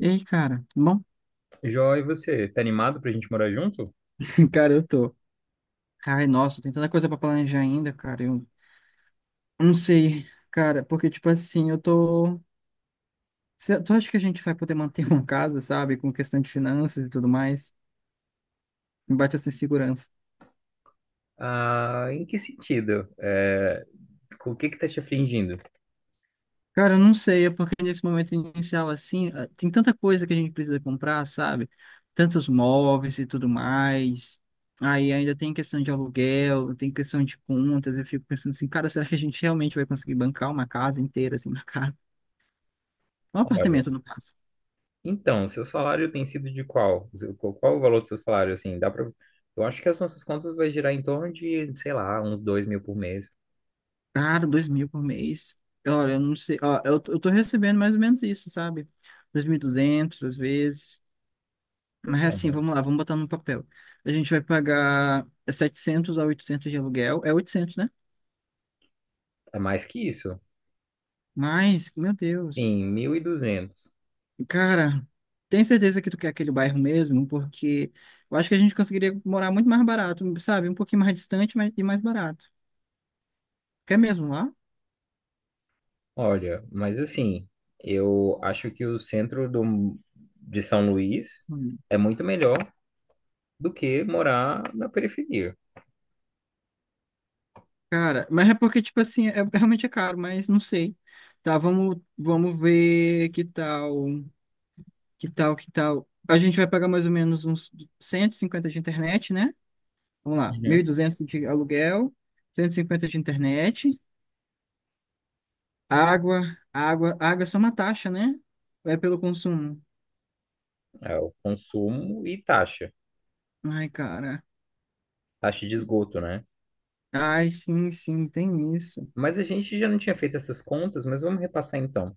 E aí, cara, tudo bom? Jó, e você, tá animado pra gente morar junto? Cara, eu tô. Ai, nossa, tem tanta coisa pra planejar ainda, cara. Eu não sei, cara, porque, tipo assim, eu tô. Tu acha que a gente vai poder manter uma casa, sabe? Com questão de finanças e tudo mais? Me bate essa insegurança. Ah, em que sentido? É, com o que que tá te afligindo? Cara, eu não sei, é porque nesse momento inicial, assim, tem tanta coisa que a gente precisa comprar, sabe? Tantos móveis e tudo mais. Aí ainda tem questão de aluguel, tem questão de contas. Eu fico pensando assim, cara, será que a gente realmente vai conseguir bancar uma casa inteira, assim, na casa? Um Olha, apartamento, no caso. então, seu salário tem sido de qual? Qual o valor do seu salário, assim, dá pra. Eu acho que as nossas contas vai girar em torno de, sei lá, uns 2.000 por mês. Cara, 2.000 por mês. Olha, eu não sei. Ó, eu tô recebendo mais ou menos isso, sabe? Dois mil e duzentos às vezes. Mas assim, Então, vamos lá, vamos botar no papel. A gente vai pagar 700 a 800 de aluguel. É 800, né? é mais que isso. Mas, meu Deus. Sim, 1.200. Cara, tem certeza que tu quer aquele bairro mesmo? Porque eu acho que a gente conseguiria morar muito mais barato, sabe? Um pouquinho mais distante, mas, e mais barato. Quer mesmo lá? Olha, mas assim, eu acho que o centro de São Luís é muito melhor do que morar na periferia. Cara, mas é porque, tipo assim, é realmente é caro, mas não sei. Tá, vamos ver que tal. A gente vai pagar mais ou menos uns 150 de internet, né? Vamos lá, 1.200 de aluguel, 150 de internet, água, água é só uma taxa, né? É pelo consumo. É o consumo e taxa, Ai, cara. De esgoto, né? Ai, sim, sim, tem isso. Mas a gente já não tinha feito essas contas, mas vamos repassar então.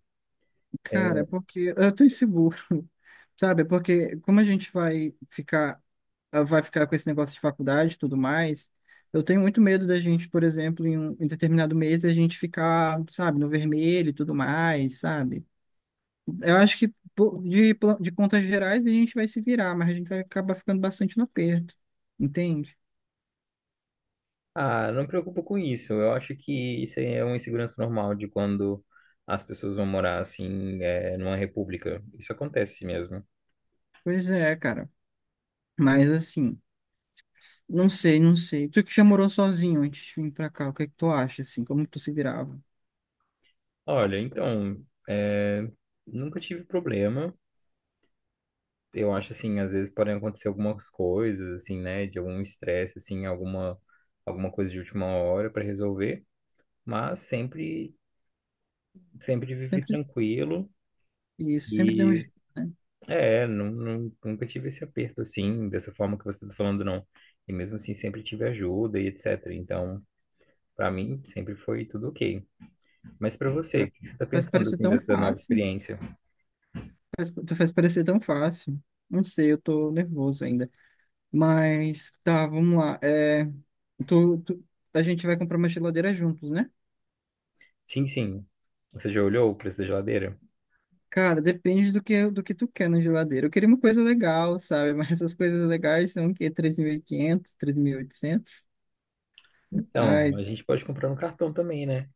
É. Cara, é porque eu tô inseguro, sabe? É porque como a gente vai ficar ela vai ficar com esse negócio de faculdade e tudo mais. Eu tenho muito medo da gente, por exemplo, em determinado mês, a gente ficar, sabe, no vermelho e tudo mais, sabe? Eu acho que, pô, de contas gerais a gente vai se virar, mas a gente vai acabar ficando bastante no aperto, entende? Ah, não me preocupo com isso. Eu acho que isso aí é uma insegurança normal de quando as pessoas vão morar assim, é, numa república. Isso acontece mesmo. Pois é, cara. Mas assim, não sei, não sei. Tu que já morou sozinho antes de vir pra cá, o que é que tu acha, assim? Como tu se virava? Olha, então, é, nunca tive problema. Eu acho assim, às vezes podem acontecer algumas coisas, assim, né, de algum estresse, assim, alguma coisa de última hora para resolver, mas sempre vivi Sempre tranquilo isso, sempre deu um e jeito, né? Nunca tive esse aperto assim, dessa forma que você está falando, não. E mesmo assim sempre tive ajuda e etc. Então, para mim sempre foi tudo ok. Mas para você, o que que você está Parece pensando parece assim tão dessa nova fácil. experiência? Tu faz parecer tão fácil. Não sei, eu tô nervoso ainda. Mas tá, vamos lá. Tu, tu- a gente vai comprar uma geladeira juntos, né? Sim, sim. Você já olhou o preço da geladeira? Cara, depende do que tu quer na geladeira. Eu queria uma coisa legal, sabe? Mas essas coisas legais são o quê? Três mil e quinhentos, três mil e oitocentos. Então, Ai, a gente pode comprar no cartão também, né?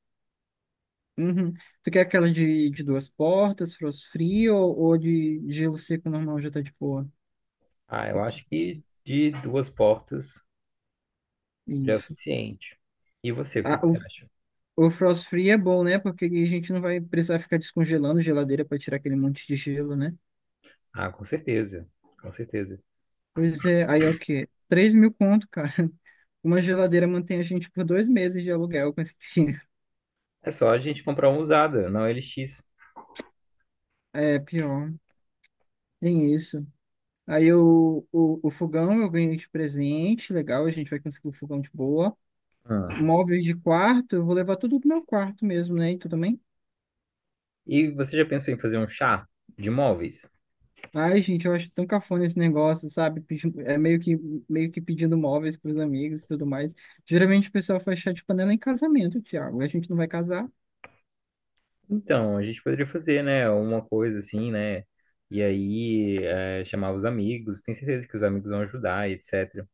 uhum. Tu quer aquela de duas portas, frost free, ou de gelo seco normal já tá de boa? Ah, E eu tu- acho que de duas portas já é o Isso. suficiente. E você, o que Ah, que você acha? o frost free é bom, né? Porque a gente não vai precisar ficar descongelando geladeira para tirar aquele monte de gelo, né? Ah, com certeza, com certeza. Pois é, aí é o quê? 3.000 conto, cara. Uma geladeira mantém a gente por 2 meses de aluguel com esse dinheiro. É só a gente comprar uma usada, não LX. É, pior. Tem isso. Aí o fogão eu ganhei de presente, legal, a gente vai conseguir o fogão de boa. Ah, Móveis de quarto, eu vou levar tudo pro meu quarto mesmo, né? E tudo. e você já pensou em fazer um chá de móveis? Ai, gente, eu acho tão cafona esse negócio, sabe? É meio que pedindo móveis pros amigos e tudo mais. Geralmente o pessoal faz chá de panela em casamento, Thiago. A gente não vai casar. Então, a gente poderia fazer, né? Uma coisa assim, né? E aí, é, chamar os amigos. Tenho certeza que os amigos vão ajudar, etc.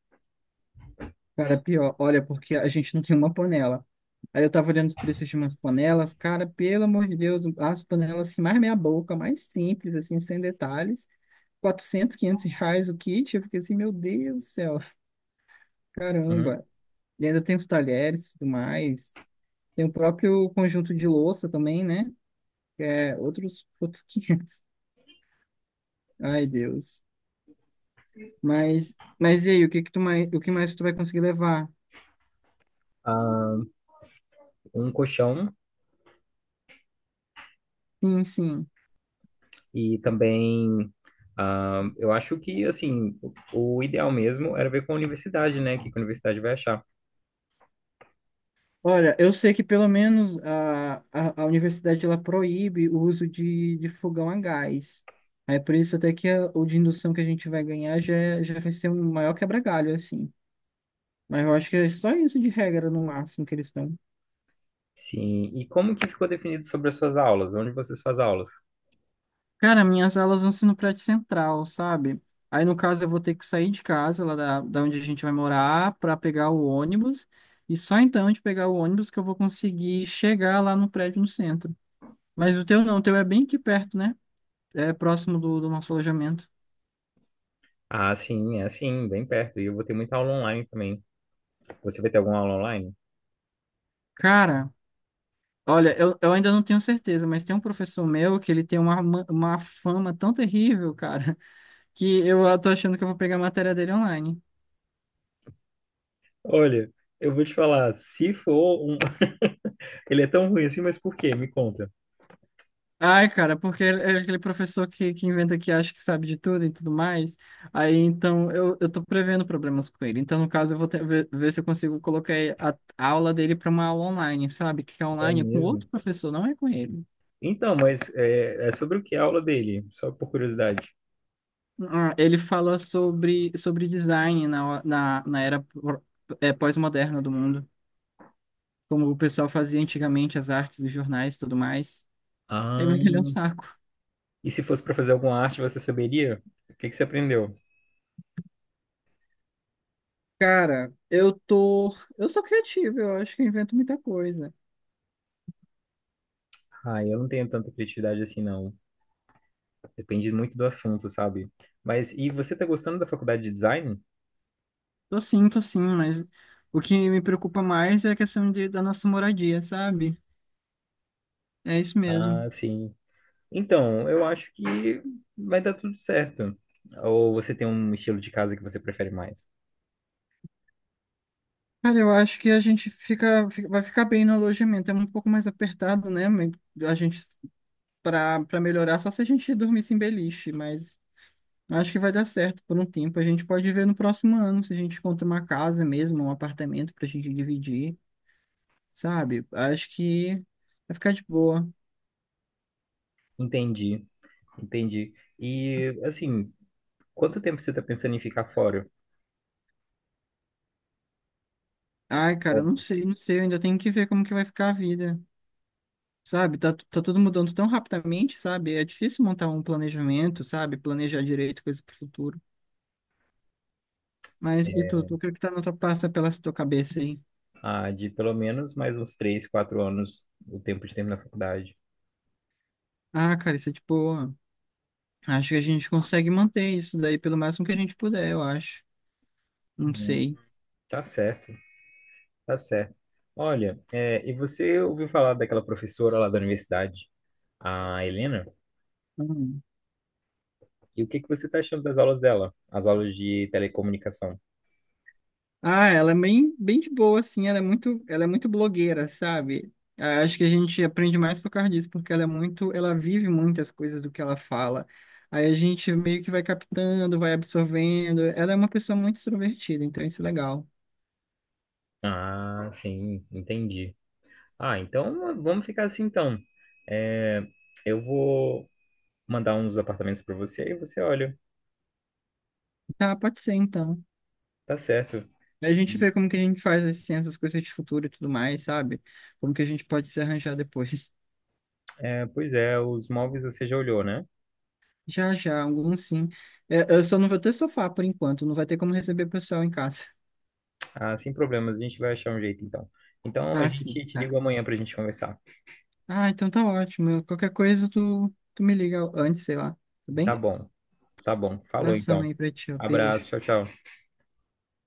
Cara, pior, olha, porque a gente não tem uma panela. Aí eu tava olhando os preços de umas panelas, cara, pelo amor de Deus, as panelas, assim, mais meia boca, mais simples, assim, sem detalhes. Quatrocentos 500 reais o kit. Eu fiquei assim, meu Deus do céu, Uhum. caramba. E ainda tem os talheres e tudo mais. Tem o próprio conjunto de louça também, né? É, outros 500. Ai, Deus. Mas, mas, e aí, o que mais tu vai conseguir levar? Ah, um colchão Sim, sim. e também, eu acho que, assim, o ideal mesmo era ver com a universidade, né? O que que a universidade vai achar. Olha, eu sei que pelo menos a universidade ela proíbe o uso de fogão a gás. Aí por isso até que o de indução que a gente vai ganhar já, já vai ser um maior quebra-galho, assim. Mas eu acho que é só isso de regra, no máximo, que eles estão. Sim. E como que ficou definido sobre as suas aulas? Onde vocês fazem aulas? Cara, minhas aulas vão ser no prédio central, sabe? Aí, no caso, eu vou ter que sair de casa, lá da onde a gente vai morar, para pegar o ônibus. E só então de pegar o ônibus que eu vou conseguir chegar lá no prédio no centro. Mas o teu não, o teu é bem aqui perto, né? É próximo do nosso alojamento. Ah, sim, é assim, bem perto. E eu vou ter muita aula online também. Você vai ter alguma aula online? Cara, olha, eu ainda não tenho certeza, mas tem um professor meu que ele tem uma fama tão terrível, cara, que eu tô achando que eu vou pegar a matéria dele online. Olha, eu vou te falar, se for um. Ele é tão ruim assim, mas por quê? Me conta. Ai, cara, porque é aquele professor que inventa, que acha que sabe de tudo e tudo mais. Aí, então, eu tô prevendo problemas com ele. Então, no caso, eu vou ver, se eu consigo colocar a aula dele para uma aula online, sabe? Que é É online é com outro mesmo? professor, não é com ele. Então, mas é sobre o que a aula dele? Só por curiosidade. Ah, ele fala sobre design na era pós-moderna do mundo. Como o pessoal fazia antigamente, as artes, os jornais e tudo mais. É, Ah, mas ele é um saco. e se fosse para fazer alguma arte, você saberia? O que que você aprendeu? Cara, eu tô. Eu sou criativo, eu acho que eu invento muita coisa. Ah, eu não tenho tanta criatividade assim, não. Depende muito do assunto, sabe? Mas e você tá gostando da faculdade de design? Tô sim, mas o que me preocupa mais é a questão da nossa moradia, sabe? É isso Ah, mesmo. sim. Então, eu acho que vai dar tudo certo. Ou você tem um estilo de casa que você prefere mais? Cara, eu acho que a gente vai ficar bem no alojamento. É um pouco mais apertado, né? Mas a gente, pra melhorar, só se a gente dormisse em beliche, mas acho que vai dar certo por um tempo. A gente pode ver no próximo ano se a gente encontra uma casa mesmo, um apartamento pra gente dividir, sabe? Acho que vai ficar de boa. Entendi. Entendi. E, assim, quanto tempo você está pensando em ficar fora? Ai, cara, eu Bom, não sei, não sei. Eu ainda tenho que ver como que vai ficar a vida. Sabe, tá, tá tudo mudando tão rapidamente, sabe? É difícil montar um planejamento, sabe? Planejar direito coisa pro futuro. Mas, e o que que tá na tua passa pela tua cabeça aí? De pelo menos mais uns 3, 4 anos, o tempo de terminar a faculdade. Ah, cara, isso é de boa. Acho que a gente consegue manter isso daí pelo máximo que a gente puder, eu acho. Não Uhum. sei. Tá certo, tá certo. Olha, e você ouviu falar daquela professora lá da universidade, a Helena? Hum. E o que que você está achando das aulas dela? As aulas de telecomunicação? Ah, ela é bem, bem de boa, assim, ela é muito, blogueira, sabe? Ah, acho que a gente aprende mais por causa disso, porque ela vive muitas coisas do que ela fala. Aí a gente meio que vai captando, vai absorvendo. Ela é uma pessoa muito extrovertida, então isso é legal. Ah, sim, entendi. Ah, então vamos ficar assim então. É, eu vou mandar uns apartamentos para você e você olha. Tá, pode ser então. Tá certo. A gente E, vê como que a gente faz, assim, essas coisas de futuro e tudo mais, sabe? Como que a gente pode se arranjar depois. Pois é, os móveis você já olhou, né? Já, já, alguns sim. É, eu só não vou ter sofá por enquanto, não vai ter como receber pessoal em casa. Ah, sem problemas, a gente vai achar um jeito então. Então a Tá, sim, gente te tá. liga amanhã pra gente conversar. Ah, então tá ótimo. Qualquer coisa tu me liga antes, sei lá. Tá Tá bem? bom, tá bom. Falou Abração então. aí pra ti, ó. Abraço, Beijo. tchau, tchau.